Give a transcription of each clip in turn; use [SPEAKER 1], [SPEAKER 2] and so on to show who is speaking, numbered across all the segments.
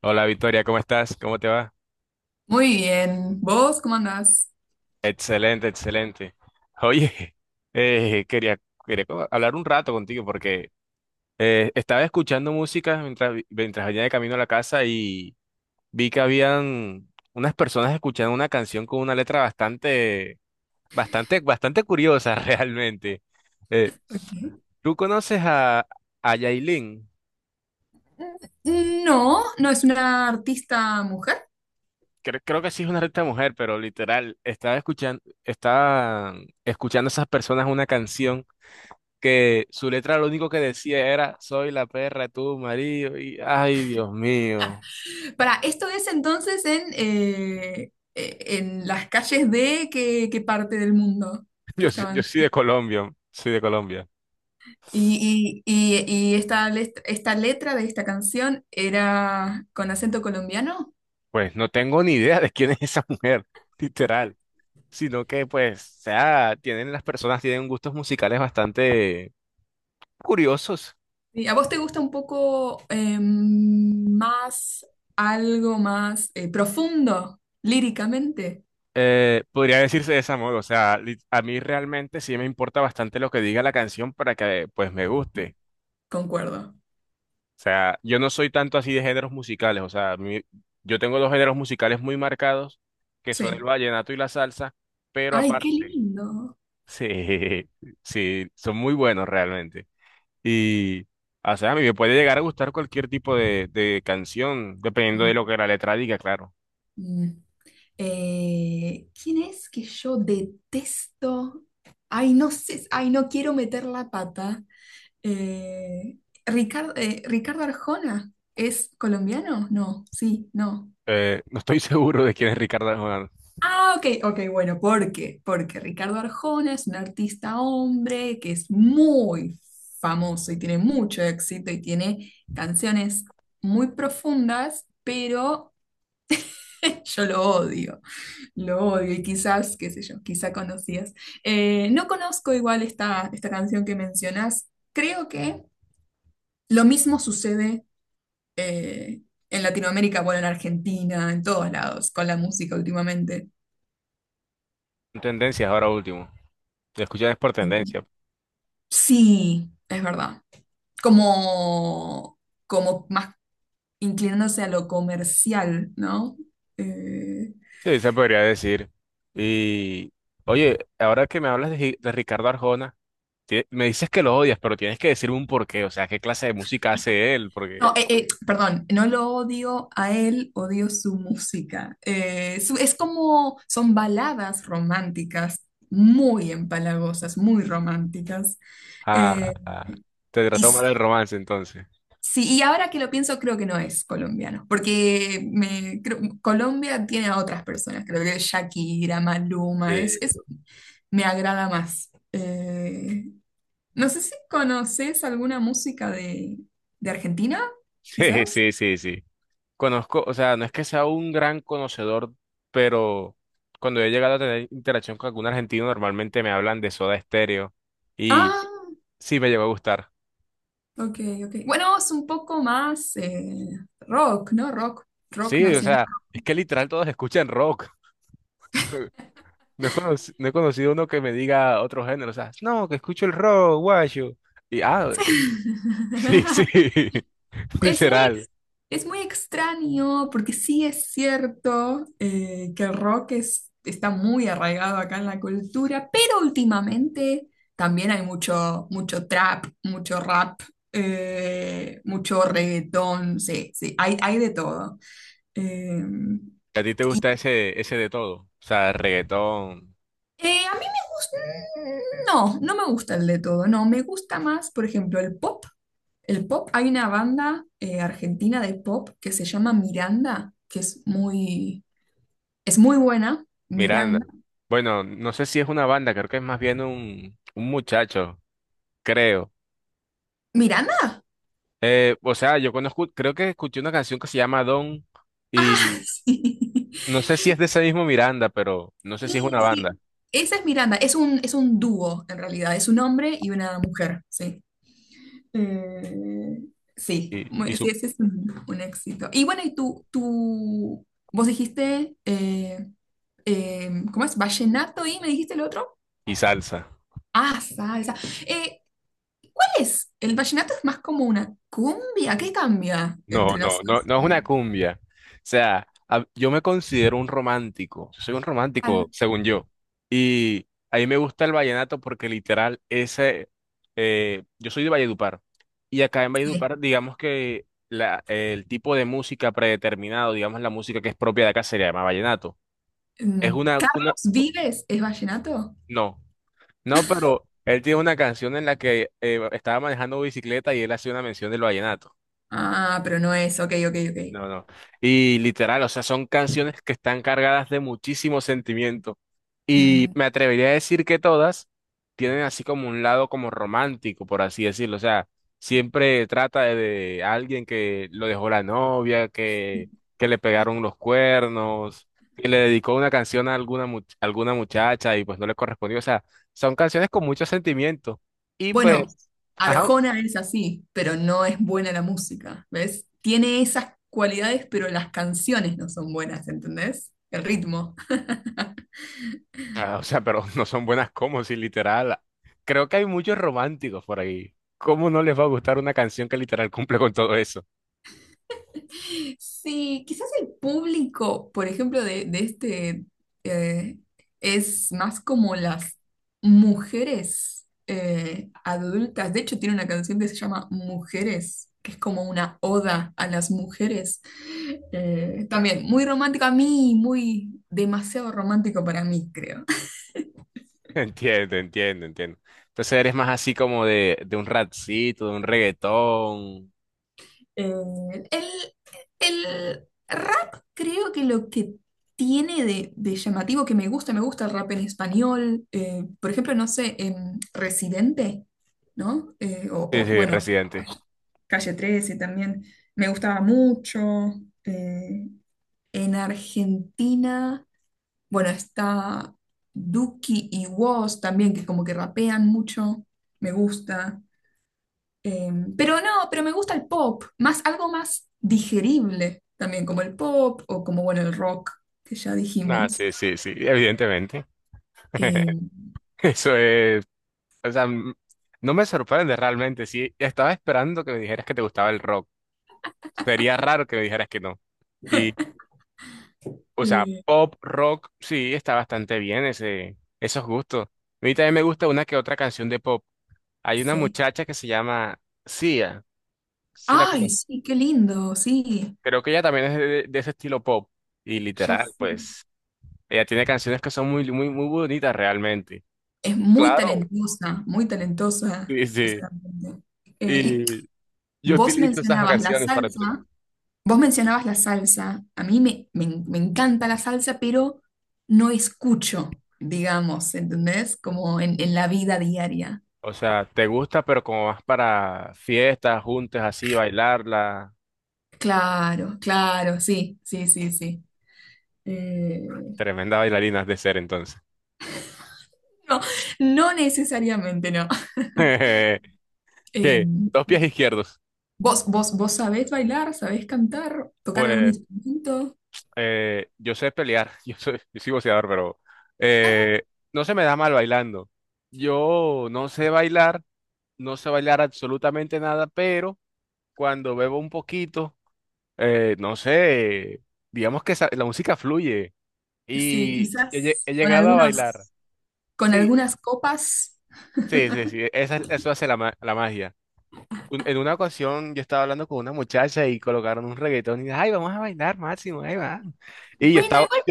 [SPEAKER 1] Hola Victoria, ¿cómo estás? ¿Cómo te va?
[SPEAKER 2] Muy bien. ¿Vos cómo andás?
[SPEAKER 1] Excelente, excelente. Oye, quería, hablar un rato contigo porque estaba escuchando música mientras, mientras venía de camino a la casa y vi que habían unas personas escuchando una canción con una letra bastante, bastante curiosa realmente. Eh,
[SPEAKER 2] Ok.
[SPEAKER 1] ¿Tú conoces a Yailin?
[SPEAKER 2] No, no es una artista mujer.
[SPEAKER 1] Creo que sí es una letra mujer, pero literal, estaba escuchando esas personas una canción que su letra lo único que decía era, soy la perra de tu marido, y ay, Dios mío.
[SPEAKER 2] Para, esto es entonces en las calles de qué, qué parte del mundo que
[SPEAKER 1] Yo
[SPEAKER 2] estaban.
[SPEAKER 1] soy de Colombia, soy de Colombia.
[SPEAKER 2] Y, y- y esta letra de esta canción era con acento colombiano.
[SPEAKER 1] Pues no tengo ni idea de quién es esa mujer, literal, sino que pues, o sea, tienen las personas, tienen gustos musicales bastante curiosos.
[SPEAKER 2] ¿Y a vos te gusta un poco más, algo más profundo líricamente?
[SPEAKER 1] Podría decirse de esa modo, o sea, a mí realmente sí me importa bastante lo que diga la canción para que pues me guste.
[SPEAKER 2] Concuerdo.
[SPEAKER 1] O sea, yo no soy tanto así de géneros musicales, o sea, yo tengo dos géneros musicales muy marcados, que son el
[SPEAKER 2] Sí.
[SPEAKER 1] vallenato y la salsa, pero
[SPEAKER 2] Ay, qué
[SPEAKER 1] aparte,
[SPEAKER 2] lindo.
[SPEAKER 1] sí, sí, son muy buenos realmente. Y, o sea, a mí me puede llegar a gustar cualquier tipo de canción, dependiendo de
[SPEAKER 2] Mm,
[SPEAKER 1] lo que la letra diga, claro.
[SPEAKER 2] mm. ¿Quién es que yo detesto? Ay, no sé, ay, no quiero meter la pata. Eh, Ricardo, Ricardo Arjona, ¿es colombiano? No, sí, no.
[SPEAKER 1] No estoy seguro de quién es Ricardo Arjona.
[SPEAKER 2] Ah, ok, ok, bueno, ¿por qué? Porque Ricardo Arjona es un artista hombre que es muy famoso y tiene mucho éxito y tiene canciones muy profundas, pero yo lo odio. Lo odio y quizás, qué sé yo, quizá conocías. No conozco igual esta canción que mencionas. Creo que lo mismo sucede eh, en Latinoamérica, bueno, en Argentina, en todos lados, con la música últimamente.
[SPEAKER 1] Son tendencias ahora último. Te escuchas por
[SPEAKER 2] Eh,
[SPEAKER 1] tendencia.
[SPEAKER 2] Sí, es verdad. Como, como más inclinándose a lo comercial, ¿no? Eh,
[SPEAKER 1] Sí, se podría decir. Y oye, ahora que me hablas de, de Ricardo Arjona, me dices que lo odias, pero tienes que decirme un porqué, o sea, qué clase de música hace él, porque
[SPEAKER 2] no, perdón, no lo odio a él, odio su música. Su- es como, son baladas románticas, muy empalagosas, muy románticas.
[SPEAKER 1] ah,
[SPEAKER 2] Eh,
[SPEAKER 1] ah, te
[SPEAKER 2] y
[SPEAKER 1] trató
[SPEAKER 2] s-
[SPEAKER 1] mal el romance entonces.
[SPEAKER 2] sí, y ahora que lo pienso, creo que no es colombiano, porque me, creo- Colombia tiene a otras personas, creo que Shakira, Maluma,
[SPEAKER 1] Sí.
[SPEAKER 2] es- me agrada más. No sé si conoces alguna música de Argentina,
[SPEAKER 1] Sí,
[SPEAKER 2] quizás.
[SPEAKER 1] sí, sí, sí. Conozco, o sea, no es que sea un gran conocedor, pero cuando he llegado a tener interacción con algún argentino, normalmente me hablan de Soda Stereo y
[SPEAKER 2] Ah,
[SPEAKER 1] sí me llegó a gustar.
[SPEAKER 2] ok, ok. Bueno, es un poco más rock, ¿no? Rock, rock
[SPEAKER 1] Sí, o
[SPEAKER 2] nacional.
[SPEAKER 1] sea, es que literal todos escuchan rock. No he conocido uno que me diga otro género, o sea, no, que escucho el rock, guayo. Y ah, sí, sí,
[SPEAKER 2] Es muy,
[SPEAKER 1] literal.
[SPEAKER 2] ex- es muy extraño porque sí es cierto que el rock es- está muy arraigado acá en la cultura, pero últimamente también hay mucho, mucho trap, mucho rap, mucho reggaetón, sí, sí, hay de todo. Eh,
[SPEAKER 1] ¿A ti te gusta ese, ese de todo? O sea, reggaetón,
[SPEAKER 2] A mí me gusta, no, no me gusta el de todo, no, me gusta más, por ejemplo, el pop. El pop, hay una banda argentina de pop que se llama Miranda, que es muy buena.
[SPEAKER 1] Miranda.
[SPEAKER 2] Miranda.
[SPEAKER 1] Bueno, no sé si es una banda, creo que es más bien un muchacho, creo.
[SPEAKER 2] ¿Miranda?
[SPEAKER 1] O sea, yo conozco, creo que escuché una canción que se llama Don
[SPEAKER 2] Ah,
[SPEAKER 1] y
[SPEAKER 2] sí.
[SPEAKER 1] no sé si es de ese mismo Miranda, pero no sé si es
[SPEAKER 2] Sí,
[SPEAKER 1] una
[SPEAKER 2] sí.
[SPEAKER 1] banda
[SPEAKER 2] Esa es Miranda, es un dúo en realidad, es un hombre y una mujer, sí. Eh, sí,
[SPEAKER 1] y,
[SPEAKER 2] muy- sí,
[SPEAKER 1] su,
[SPEAKER 2] ese es un éxito. Y bueno, tú, vos dijiste ¿cómo es? Vallenato y me dijiste el otro.
[SPEAKER 1] y salsa.
[SPEAKER 2] Ah, salsa. Eh, ¿Cuál es? El vallenato es más como una cumbia. ¿Qué cambia
[SPEAKER 1] No,
[SPEAKER 2] entre las
[SPEAKER 1] no, no,
[SPEAKER 2] salsa?
[SPEAKER 1] no es una cumbia. O sea, yo me considero un romántico. Yo soy un
[SPEAKER 2] Claro,
[SPEAKER 1] romántico, según yo. Y a mí me gusta el vallenato porque literal, ese, yo soy de Valledupar. Y acá en
[SPEAKER 2] sí.
[SPEAKER 1] Valledupar, digamos que la, el tipo de música predeterminado, digamos la música que es propia de acá, se le llama vallenato. Es
[SPEAKER 2] Mm,
[SPEAKER 1] una,
[SPEAKER 2] ¿Carlos Vives es vallenato?
[SPEAKER 1] no, no, pero él tiene una canción en la que estaba manejando bicicleta y él hace una mención del vallenato.
[SPEAKER 2] Ah, pero no es. Ok, ok, ok.
[SPEAKER 1] No, no. Y literal, o sea, son canciones que están cargadas de muchísimo sentimiento. Y
[SPEAKER 2] Mm,
[SPEAKER 1] me atrevería a decir que todas tienen así como un lado como romántico, por así decirlo. O sea, siempre trata de alguien que lo dejó la novia, que le pegaron los cuernos, que le dedicó una canción a alguna, alguna muchacha y pues no le correspondió. O sea, son canciones con mucho sentimiento. Y pues,
[SPEAKER 2] bueno,
[SPEAKER 1] ajá,
[SPEAKER 2] Arjona es así, pero no es buena la música. ¿Ves? Tiene esas cualidades, pero las canciones no son buenas, ¿entendés? El ritmo.
[SPEAKER 1] ah, o sea, pero no son buenas como si literal. Creo que hay muchos románticos por ahí. ¿Cómo no les va a gustar una canción que literal cumple con todo eso?
[SPEAKER 2] Sí, quizás el público, por ejemplo, de este eh, es más como las mujeres adultas. De hecho, tiene una canción que se llama Mujeres, que es como una oda a las mujeres. También muy romántico a mí, muy demasiado romántico para mí, creo.
[SPEAKER 1] Entiendo, entiendo, entiendo. Entonces eres más así como de un rapcito, de un reggaetón.
[SPEAKER 2] Eh, el, el rap creo que lo que tiene de llamativo que me gusta el rap en español, por ejemplo, no sé, Residente, ¿no?
[SPEAKER 1] Sí,
[SPEAKER 2] O,
[SPEAKER 1] sí,
[SPEAKER 2] bueno,
[SPEAKER 1] Residente.
[SPEAKER 2] Calle 13 también me gustaba mucho. Eh, en Argentina, bueno, está Duki y Woz también, que como que rapean mucho, me gusta. Eh, pero no, pero me gusta el pop, más algo más digerible también, como el pop o como, bueno, el rock, que ya
[SPEAKER 1] Ah,
[SPEAKER 2] dijimos.
[SPEAKER 1] sí, sí, sí, evidentemente.
[SPEAKER 2] Eh,
[SPEAKER 1] Eso es, o sea, no me sorprende realmente. Sí, estaba esperando que me dijeras que te gustaba el rock. Sería raro que me dijeras que no. O sea,
[SPEAKER 2] eh,
[SPEAKER 1] pop, rock, sí, está bastante bien ese, esos gustos. A mí también me gusta una que otra canción de pop. Hay una
[SPEAKER 2] sí.
[SPEAKER 1] muchacha que se llama Sia, sí la
[SPEAKER 2] Ay,
[SPEAKER 1] conozco.
[SPEAKER 2] sí, qué lindo, sí.
[SPEAKER 1] Creo que ella también es de ese estilo pop. Y
[SPEAKER 2] Ya
[SPEAKER 1] literal,
[SPEAKER 2] sé.
[SPEAKER 1] pues, ella tiene canciones que son muy, muy, muy bonitas realmente.
[SPEAKER 2] Es
[SPEAKER 1] Claro.
[SPEAKER 2] muy talentosa
[SPEAKER 1] Sí, sí.
[SPEAKER 2] esa cantante. Y
[SPEAKER 1] Y yo
[SPEAKER 2] vos
[SPEAKER 1] utilizo esas
[SPEAKER 2] mencionabas la
[SPEAKER 1] canciones para entrenar.
[SPEAKER 2] salsa, vos mencionabas la salsa, a mí me, me me encanta la salsa, pero no escucho, digamos, ¿entendés? Como en la vida diaria.
[SPEAKER 1] O sea, te gusta, pero como vas para fiestas, juntas, así, bailarla.
[SPEAKER 2] Claro, claro, sí, sí, sí, sí. Eh,
[SPEAKER 1] Tremenda bailarina has de ser entonces.
[SPEAKER 2] no, no necesariamente no.
[SPEAKER 1] ¿Qué?
[SPEAKER 2] Eh,
[SPEAKER 1] Dos pies izquierdos.
[SPEAKER 2] vos sabés bailar, sabés cantar, tocar algún
[SPEAKER 1] Pues
[SPEAKER 2] instrumento?
[SPEAKER 1] yo sé pelear, yo soy boxeador, pero eh, no se me da mal bailando. Yo no sé bailar, no sé bailar absolutamente nada, pero cuando bebo un poquito, no sé, digamos que la música fluye
[SPEAKER 2] Sí,
[SPEAKER 1] y
[SPEAKER 2] quizás
[SPEAKER 1] he
[SPEAKER 2] con
[SPEAKER 1] llegado a bailar.
[SPEAKER 2] algunos, con
[SPEAKER 1] Sí,
[SPEAKER 2] algunas copas.
[SPEAKER 1] sí, sí, sí, eso hace la, la magia. En una ocasión yo estaba hablando con una muchacha y colocaron un reggaetón y dije, ay, vamos a bailar, Máximo, ahí va. Y yo
[SPEAKER 2] Bueno,
[SPEAKER 1] estaba,
[SPEAKER 2] igual,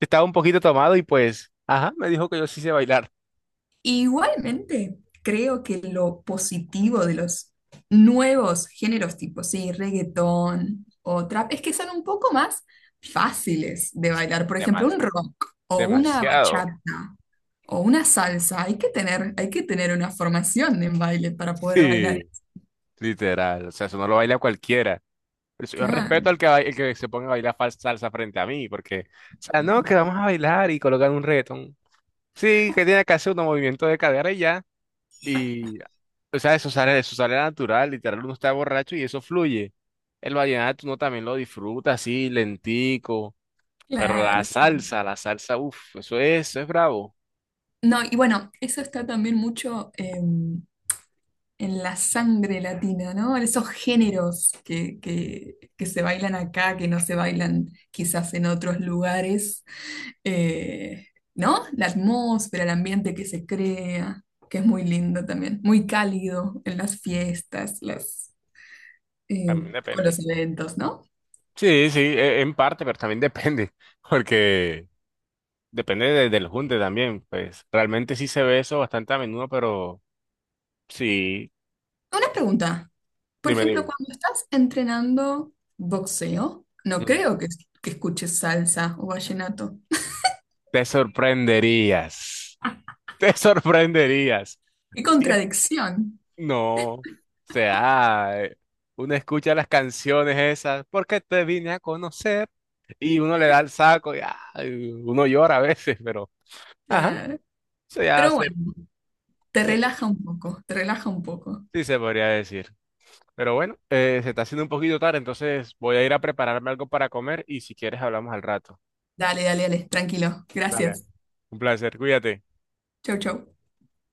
[SPEAKER 1] Estaba un poquito tomado y pues, ajá, me dijo que yo sí sé bailar.
[SPEAKER 2] igualmente creo que lo positivo de los nuevos géneros tipo, sí, reggaetón o trap, es que son un poco más fáciles de bailar. Por
[SPEAKER 1] De
[SPEAKER 2] ejemplo, un rock o una
[SPEAKER 1] demasiado.
[SPEAKER 2] bachata. O una salsa, hay que tener una formación en baile para poder bailar.
[SPEAKER 1] Sí, literal. O sea, eso no lo baila cualquiera. Por eso yo respeto
[SPEAKER 2] Claro,
[SPEAKER 1] al que, el que se ponga a bailar salsa frente a mí, porque, o sea, no, que vamos a bailar y colocar un reggaetón. Sí, que tiene que hacer un movimiento de cadera y ya. Y, o sea, eso sale natural, literal, uno está borracho y eso fluye. El vallenato uno también lo disfruta así, lentico. Pero
[SPEAKER 2] claro.
[SPEAKER 1] la salsa, uff, eso es bravo.
[SPEAKER 2] No, y bueno, eso está también mucho em, en la sangre latina, ¿no? En esos géneros que se bailan acá, que no se bailan quizás en otros lugares, Eh, ¿no? La atmósfera, el ambiente que se crea, que es muy lindo también, muy cálido en las fiestas, las, eh,
[SPEAKER 1] También
[SPEAKER 2] o los
[SPEAKER 1] depende.
[SPEAKER 2] eventos, ¿no?
[SPEAKER 1] Sí, sí, en parte, pero también depende, porque del junte también, pues realmente sí se ve eso bastante a menudo, pero sí,
[SPEAKER 2] Una pregunta. Por
[SPEAKER 1] dime,
[SPEAKER 2] ejemplo,
[SPEAKER 1] dime.
[SPEAKER 2] cuando estás entrenando boxeo, no
[SPEAKER 1] Ujú.
[SPEAKER 2] creo que escuches salsa o vallenato.
[SPEAKER 1] Te sorprenderías, te sorprenderías.
[SPEAKER 2] ¡Qué
[SPEAKER 1] Sí,
[SPEAKER 2] contradicción!
[SPEAKER 1] no, o sea, uno escucha las canciones esas, porque te vine a conocer, y uno le da el saco, y ay, uno llora a veces, pero, ajá,
[SPEAKER 2] Claro.
[SPEAKER 1] se
[SPEAKER 2] Pero
[SPEAKER 1] hace,
[SPEAKER 2] bueno, te
[SPEAKER 1] sí,
[SPEAKER 2] relaja un poco, te relaja un poco.
[SPEAKER 1] sí se podría decir. Pero bueno, se está haciendo un poquito tarde, entonces voy a ir a prepararme algo para comer y si quieres hablamos al rato.
[SPEAKER 2] Dale, dale, dale, tranquilo.
[SPEAKER 1] Dale.
[SPEAKER 2] Gracias.
[SPEAKER 1] Un placer, cuídate.
[SPEAKER 2] Chau, chau.